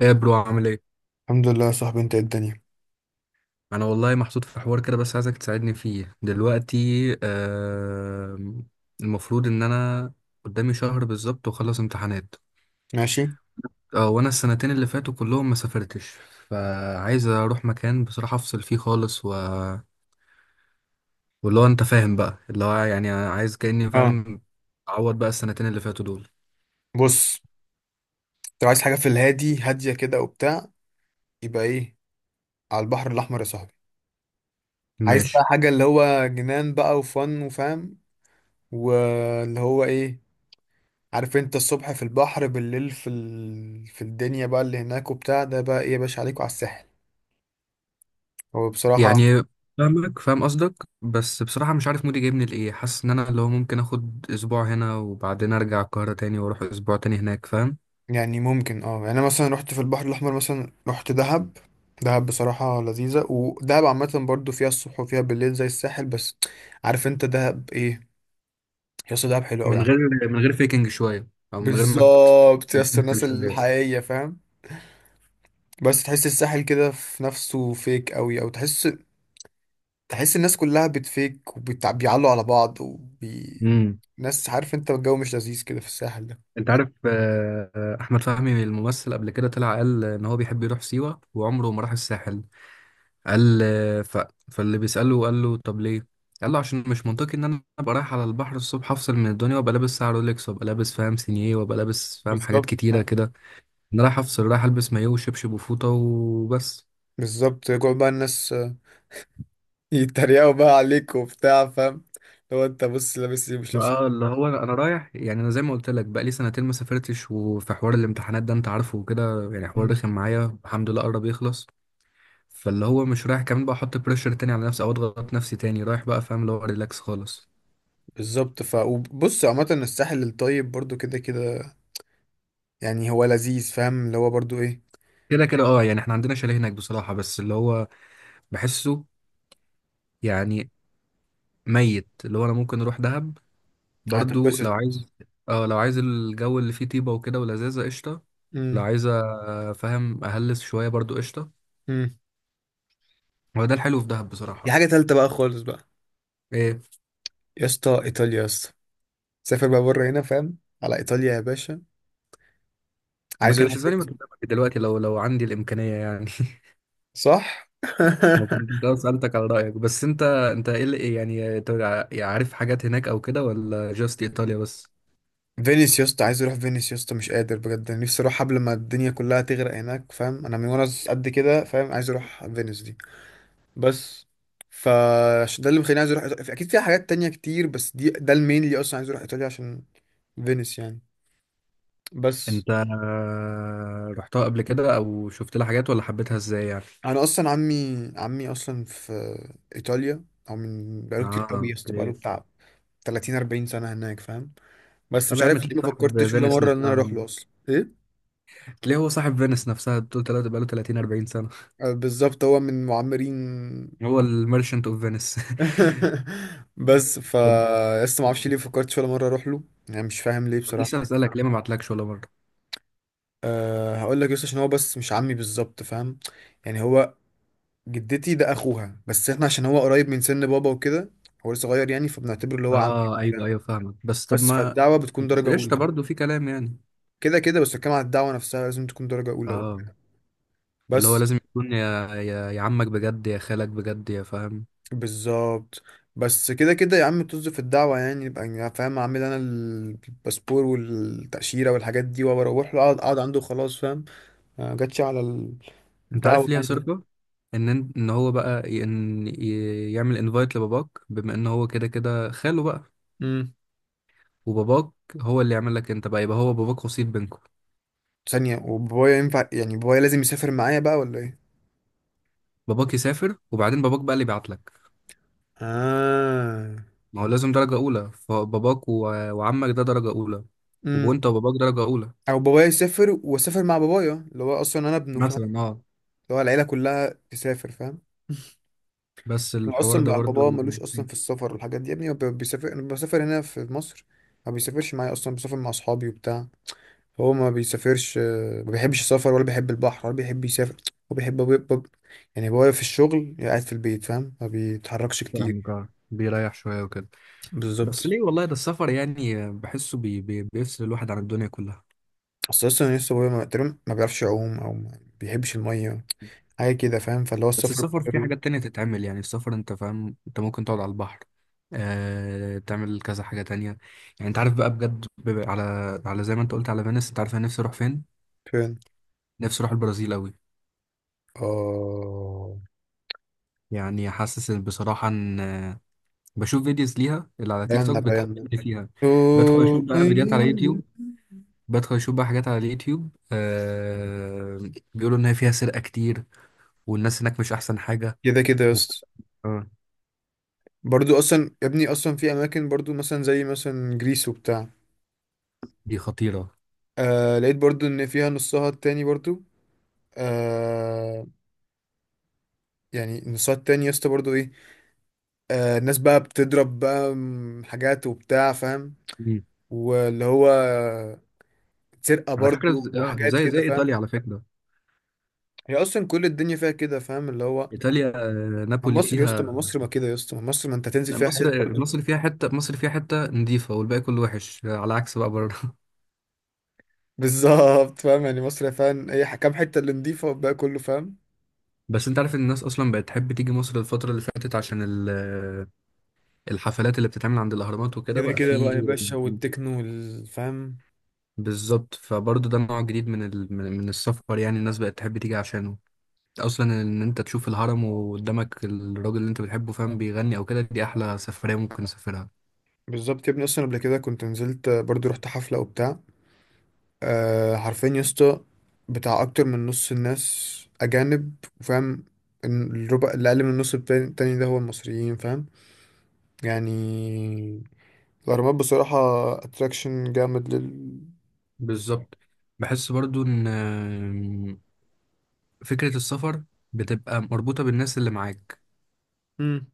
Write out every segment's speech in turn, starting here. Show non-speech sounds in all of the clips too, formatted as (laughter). ايه يا برو، عامل ايه؟ الحمد لله يا صاحبي، انت ايه الدنيا؟ انا والله محطوط في حوار كده، بس عايزك تساعدني فيه دلوقتي. آه. المفروض ان انا قدامي شهر بالظبط واخلص امتحانات. ماشي. اه وانا السنتين اللي فاتوا كلهم ما سافرتش. فعايز اروح مكان بصراحة افصل فيه خالص واللي هو انت فاهم بقى، اللي هو يعني عايز كأني اه، فاهم اعوض بقى السنتين اللي فاتوا دول. بص، لو عايز حاجه في الهادي هاديه كده وبتاع، يبقى ايه، على البحر الاحمر يا صاحبي. عايز ماشي. بقى حاجه اللي هو جنان بقى وفن وفاهم، واللي هو ايه، عارف انت الصبح في البحر بالليل في الدنيا بقى اللي هناك وبتاع ده، بقى ايه يا باشا عليك وعلى الساحل. هو بصراحه يعني فاهمك، فاهم قصدك. بس بصراحة مش عارف مودي جايبني لإيه، حاسس إن أنا اللي هو ممكن آخد أسبوع هنا وبعدين أرجع القاهرة تاني وأروح أسبوع تاني هناك، فاهم؟ يعني ممكن، اه يعني انا مثلا رحت في البحر الاحمر، مثلا رحت دهب. دهب بصراحه لذيذه، ودهب عامه برضو فيها الصبح وفيها بالليل زي الساحل، بس عارف انت دهب ايه. يا اسطى دهب حلو قوي يا من عم. غير من غير فيكنج شوية، أو من غير ما بالظبط يا اسطى، تمثل الناس شوية. الحقيقيه فاهم. بس تحس الساحل كده في نفسه فيك قوي، او تحس تحس الناس كلها بتفيك وبيعلوا على بعض وبي امم ناس، عارف انت الجو مش لذيذ كده في الساحل ده. أنت عارف، أحمد فهمي الممثل قبل كده طلع قال إن هو بيحب يروح سيوة وعمره ما راح الساحل. قال آه، فاللي بيسأله قال له طب ليه؟ قال له عشان مش منطقي ان انا ابقى رايح على البحر الصبح افصل من الدنيا وابقى لابس ساعه رولكس، وابقى لابس فاهم سينيه، وابقى لابس فاهم حاجات بالظبط كتيره فاهم. كده. انا رايح افصل، رايح البس مايو وشبشب وفوطه وبس. بالظبط، يقعد بقى الناس آه، يتريقوا بقى عليك وبتاع فاهم، لو انت بص لابس ايه مش لابس اه إيه. اللي هو انا أنا رايح، يعني انا زي ما قلت لك بقى لي سنتين ما سافرتش، وفي حوار الامتحانات ده انت عارفه وكده، يعني حوار مم. رخم معايا، الحمد لله قرب يخلص. فاللي هو مش رايح كمان بقى احط بريشر تاني على نفسي او اضغط نفسي تاني، رايح بقى فاهم اللي هو ريلاكس خالص. بالظبط. ف وبص، عامة الساحل الطيب برضو كده كده، يعني هو لذيذ فاهم اللي هو برضو ايه. كده كده، يعني احنا عندنا شاليه هناك بصراحه، بس اللي هو بحسه، يعني ميت، اللي هو انا ممكن اروح دهب برضو هتنبسط. لو عايز. اه لو عايز الجو اللي فيه طيبة وكده ولذاذة، قشطة. لو امم. عايز فاهم أهلس شوية برضو، قشطة. هو ده الحلو في دهب دي بصراحة. حاجة تالتة بقى خالص بقى، ايه؟ يا اسطى إيطاليا يا اسطى، سافر بقى بره هنا فاهم، على إيطاليا يا باشا. ما عايز أروح كانش زماني، ما فينيس. كنت دلوقتي لو عندي الإمكانية يعني (laughs) صح. ما (laughs) كنت لو سألتك على رأيك. بس انت ايه اللي ايه، يعني انت عارف حاجات هناك او كده، ولا جاست ايطاليا بس؟ فينيس يا اسطى، عايز أروح فينيس يا اسطى، مش قادر بجد، أنا نفسي أروح قبل ما الدنيا كلها تغرق هناك فاهم، أنا من وأنا قد كده فاهم عايز أروح فينيس دي. بس ف عشان ده اللي مخليني عايز أروح إيطاليا، أكيد فيها حاجات تانية كتير، بس دي ده المين اللي أصلا عايز أروح إيطاليا عشان فينيس يعني. بس انت رحتها قبل كده او شفت لها حاجات، ولا حبيتها ازاي يعني؟ انا اصلا عمي اصلا في ايطاليا، او من اه بقاله كتير قوي يا اسطى، اوكي. بقاله بتاع 30 40 سنة هناك فاهم. بس طب مش يا عارف عم ليه تلاقيه ما صاحب فكرتش ولا فينيس مرة ان انا نفسها، اروح له اصلا ايه. تلاقيه هو صاحب فينيس نفسها، بتقول تلاتة بقاله 30 40 سنة. آه، بالظبط، هو من معمرين. هو الميرشنت اوف فينيس (laughs) (laughs) بس ف لسه ما اعرفش ليه فكرتش ولا مرة اروح له، يعني مش فاهم ليه طب لسه بصراحة. بسألك ليه ما بعتلكش ولا مرة. أه هقول لك يس، عشان هو بس مش عمي بالظبط فاهم، يعني هو جدتي ده اخوها، بس احنا عشان هو قريب من سن بابا وكده، هو لسه صغير يعني، فبنعتبره اللي هو عمي اه ايوه، وبتاع. ايوه، فاهمك. بس طب بس ما، فالدعوة بتكون بس درجة قشطة أولى. برضه، في كلام يعني. كده كده، بس بتكلم على الدعوة نفسها، لازم تكون درجة أولى وبتاع. اه اللي هو بس. لازم يكون يا عمك بجد، يا خالك بجد، يا فاهم. بالظبط. بس كده كده يا عم، طز في الدعوة يعني، يبقى أنا فاهم اعمل انا الباسبور والتأشيرة والحاجات دي واروح له، اقعد عنده خلاص فاهم. ما جاتش على انت الدعوة عارف ليها يعني دي. صرفة؟ ان ان إن هو بقى يعمل انفايت لباباك، بما ان هو كده كده خاله بقى، امم. وباباك هو اللي يعمل لك انت بقى، يبقى هو باباك وسيط بينكم. ثانية، وبابايا ينفع يعني، بابايا لازم يسافر معايا بقى ولا ايه؟ باباك يسافر وبعدين باباك بقى اللي يبعت لك. اه. ما هو لازم درجة أولى، فباباك وعمك ده درجة أولى، امم. وأنت وباباك درجة أولى. او بابايا يسافر واسافر مع بابايا اللي هو اصلا انا ابنه فاهم، مثلا اه. اللي هو العيلة كلها تسافر فاهم. بس هو الحوار اصلا ده بقى بابا برضو (laughs) ملوش اصلا في السفر والحاجات دي يا ابني، هو بيسافر، انا بسافر هنا في مصر، ما بيسافرش معايا اصلا، بسافر مع اصحابي وبتاع. هو ما بيسافرش آه، ما بيحبش السفر، ولا بيحب البحر، ولا بيحب يسافر. هو بيحب، يعني هو واقف في الشغل، قاعد في البيت فاهم، ما بيتحركش كتير. فاهمك آه. بيريح شوية وكده. بالظبط. بس ليه والله، ده السفر يعني بحسه بي بي بيفصل الواحد عن الدنيا كلها. بس اصلا لسه هو ما تقريبا ما بيعرفش يعوم، او ما بيحبش الميه، حاجه كده فاهم، فاللي هو بس السفر السفر فيه بتاعه. حاجات تانية تتعمل، يعني السفر أنت فاهم، أنت ممكن تقعد على البحر، تعمل كذا حاجة تانية. يعني أنت عارف بقى بجد، على زي ما أنت قلت على فينيس. أنت عارف أنا نفسي أروح فين؟ فين. نفسي أروح البرازيل أوي. اه. يعني حاسس إن بصراحة إن، بشوف فيديوز ليها اللي على تيك توك بينا بينا. بتحببني فيها. بدخل اشوف أوه، بقى فيديوهات على أيوه. يوتيوب. بدخل اشوف بقى حاجات على اليوتيوب بيقولوا ان هي فيها سرقة كتير، والناس هناك مش احسن حاجة كده كده يا و... اسطى. آه برضو اصلا يا ابني، اصلا في اماكن برضو، مثلا زي مثلا جريس وبتاع، دي خطيرة. آه لقيت برضو ان فيها نصها التاني برضو، آه، يعني نصات تاني يا اسطى برضه ايه، آه الناس بقى بتضرب بقى حاجات وبتاع فاهم. مم. واللي هو سرقة على فكرة، برضه ز- آه وحاجات زي زي كده فاهم. ايطاليا على فكرة. هي اصلا كل الدنيا فيها كده فاهم اللي هو، ايطاليا ما نابولي مصر يا اسطى، ما فيها. مصر ما كده يا اسطى، ما مصر ما انت هتنزل فيها حتت برضه. مصر فيها حتة نظيفة والباقي كله وحش، على عكس بقى بره (laughs) (laughs) بالظبط فاهم، يعني مصر فاهم هي حكام حتة اللي نضيفة والباقي كله فاهم. بس انت عارف ان الناس اصلا بقت تحب تيجي مصر الفترة اللي فاتت عشان الحفلات اللي بتتعمل عند الاهرامات وكده كده بقى كده في. بقى يا باشا، والتكنو والفهم. بالظبط، فبرضه ده نوع جديد من ال... من من السفر، يعني الناس بقت تحب تيجي عشانه. اصلا ان انت تشوف الهرم وقدامك الراجل اللي انت بتحبه فاهم، بيغني او كده، دي احلى سفرية ممكن اسافرها. بالظبط يا ابني، اصلا قبل كده كنت نزلت برضه رحت حفلة وبتاع، أه حرفيا يا اسطى بتاع اكتر من نص الناس اجانب، وفاهم إن الربع اللي اقل من النص التاني ده هو المصريين فاهم. يعني الاهرامات بصراحه اتراكشن جامد لل. بالظبط. بحس برضو ان فكرة السفر بتبقى مربوطة بالناس اللي معاك. مم.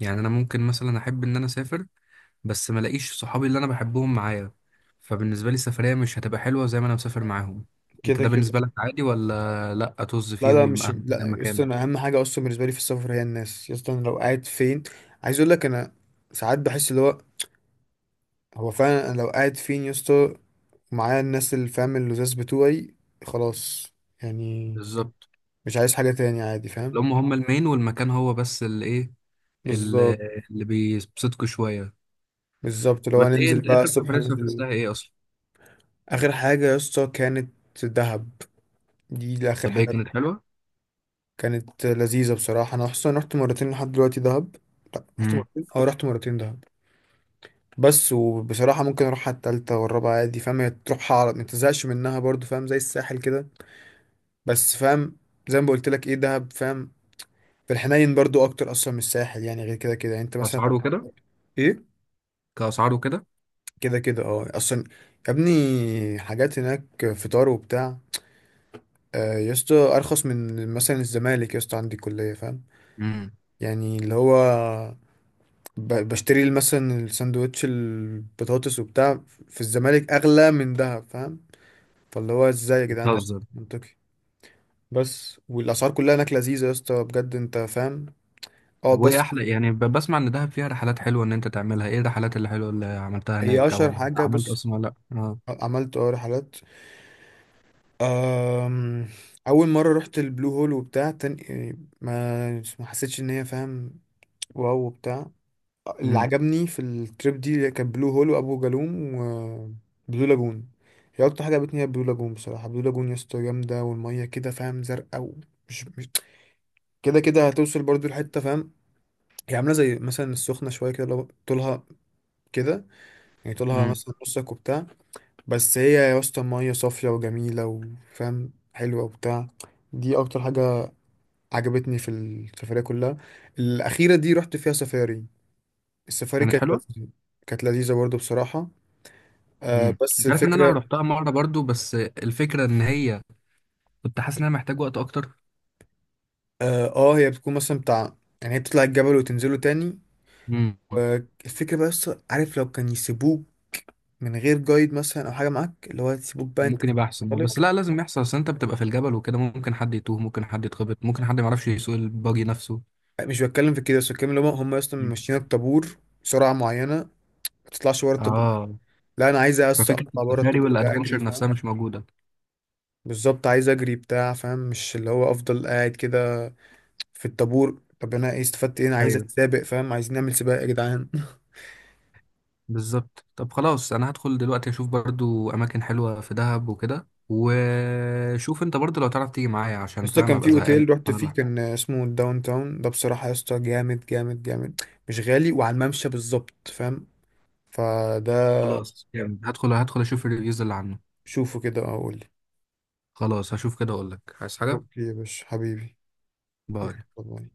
يعني انا ممكن مثلا احب ان انا اسافر، بس ما الاقيش صحابي اللي انا بحبهم معايا، فبالنسبة لي السفرية مش هتبقى حلوة زي ما انا مسافر معاهم. انت كده ده كده. بالنسبة لك عادي ولا لا، طز لا فيهم لا مش واهم حاجة لا يا اسطى، مكانك؟ انا اهم حاجه اصلا بالنسبه لي في السفر هي الناس يا اسطى، انا لو قاعد فين، عايز اقول لك انا ساعات بحس اللي هو، هو فعلا انا لو قاعد فين يا اسطى معايا الناس اللي فاهم اللزاز بتوعي، خلاص، يعني بالظبط، مش عايز حاجه تاني عادي اللي فاهم. هم هم المين والمكان هو بس اللي ايه، اللي, بالظبط. اللي بيبسطكوا شويه. بالظبط، لو بس ايه هننزل انت بقى اخر الصبح سفريه ننزل. سافرتها ايه اصلا؟ اخر حاجه يا اسطى كانت دهب، دي اللي اخر طب ايه، حاجه. كانت حلوه؟ كانت لذيذه بصراحه، انا اصلا رحت مرتين لحد دلوقتي دهب. لا رحت امم مرتين، اه رحت مرتين دهب. بس وبصراحه ممكن اروح على التالتة والرابعه عادي فاهم، هي تروح على ما تزهقش منها برضو فاهم، زي الساحل كده، بس فاهم، زي ما قلت لك ايه دهب فاهم، في الحنين برضو اكتر اصلا من الساحل يعني، غير كده كده، يعني انت مثلا اسعار لو- وكده. ايه. كاسعار وكده. كده كده اه اصلا، يا ابني حاجات هناك فطار وبتاع، آه، يا اسطى ارخص من مثلا الزمالك يا اسطى، عندي كليه فاهم، امم يعني اللي هو بشتري مثلا الساندوتش البطاطس وبتاع في الزمالك، اغلى من دهب فاهم، فاللي هو ازاي يا جدعان اصلا بتهزر. منطقي. بس والاسعار كلها هناك لذيذه يا اسطى بجد انت فاهم. اه طب وايه بس احلى، يعني بسمع ان دهب فيها رحلات حلوه ان انت تعملها، ايه الرحلات اللي حلوه اللي عملتها هي هناك او اشهر اللي حاجه، عملت بص اصلا ولا لا؟ اه عملت اه رحلات، أم، اول مره رحت البلو هول وبتاع، تاني ما ما حسيتش ان هي فاهم واو وبتاع. اللي امم عجبني في التريب دي كان بلو هول وابو جالوم وبلو لاجون. هي اكتر حاجه عجبتني هي بلو لاجون بصراحه، بلو لاجون يا اسطى جامده، والميه كده فاهم زرقاء، ومش مش كده كده، هتوصل برضو لحته فاهم، هي عامله زي مثلا السخنه شويه كده، لو طولها كده، يعني طولها امم مثلا نصك وبتاع، بس هي يا اسطى ميه صافيه وجميله وفاهم حلوه وبتاع. دي اكتر حاجه عجبتني في السفريه كلها. الاخيره دي رحت فيها سفاري، السفاري كانت كانت حلوه. لذيذة. كانت لذيذه برضو بصراحه. آه بس انت عارف ان انا الفكرة، رحتها مره برضو، بس الفكره ان هي كنت حاسس ان انا محتاج وقت اكتر. اه آه، هي بتكون مثلا بتاع يعني، هي بتطلع الجبل وتنزله تاني، والفكرة بقى بس عارف لو كان يسيبوك من غير جايد، مثلا أو حاجة معاك اللي هو يسيبوك بقى أنت ممكن يبقى احسن، طالق. بس لا لازم يحصل، اصل انت بتبقى في الجبل وكده، ممكن حد يتوه، ممكن حد يتخبط، ممكن حد ما يعرفش يسوق الباجي نفسه. مش بتكلم في كده، بس بتكلم اللي هم أصلا مم. ماشيين الطابور سرعة معينة، ما تطلعش بره الطابور. اه لا أنا عايز بس ففكرة أطلع بره السفاري الطابور ده أجري والادفنتشر نفسها فاهم. مش موجودة. بالظبط عايز أجري بتاع فاهم، مش اللي هو أفضل قاعد كده في الطابور، طب أنا إيه استفدت إيه، أنا عايز ايوه، أتسابق فاهم، عايزين نعمل سباق يا جدعان. بالظبط. طب خلاص انا هدخل دلوقتي اشوف برضو اماكن حلوة في دهب وكده، وشوف انت برضو لو تعرف تيجي معايا، يا عشان اسطى فاهم كان في ابقى زهقان اوتيل رحت انا فيه لوحدي. كان اسمه الداون تاون ده، بصراحة يا اسطى جامد جامد جامد، مش غالي، وعلى الممشى بالظبط فاهم، فده خلاص، جامد، هدخل اشوف الريفيوز اللي عنه. شوفه كده اقول لي. خلاص هشوف كده اقول لك، عايز حاجة. اوكي يا باشا حبيبي. باي. يلا باي.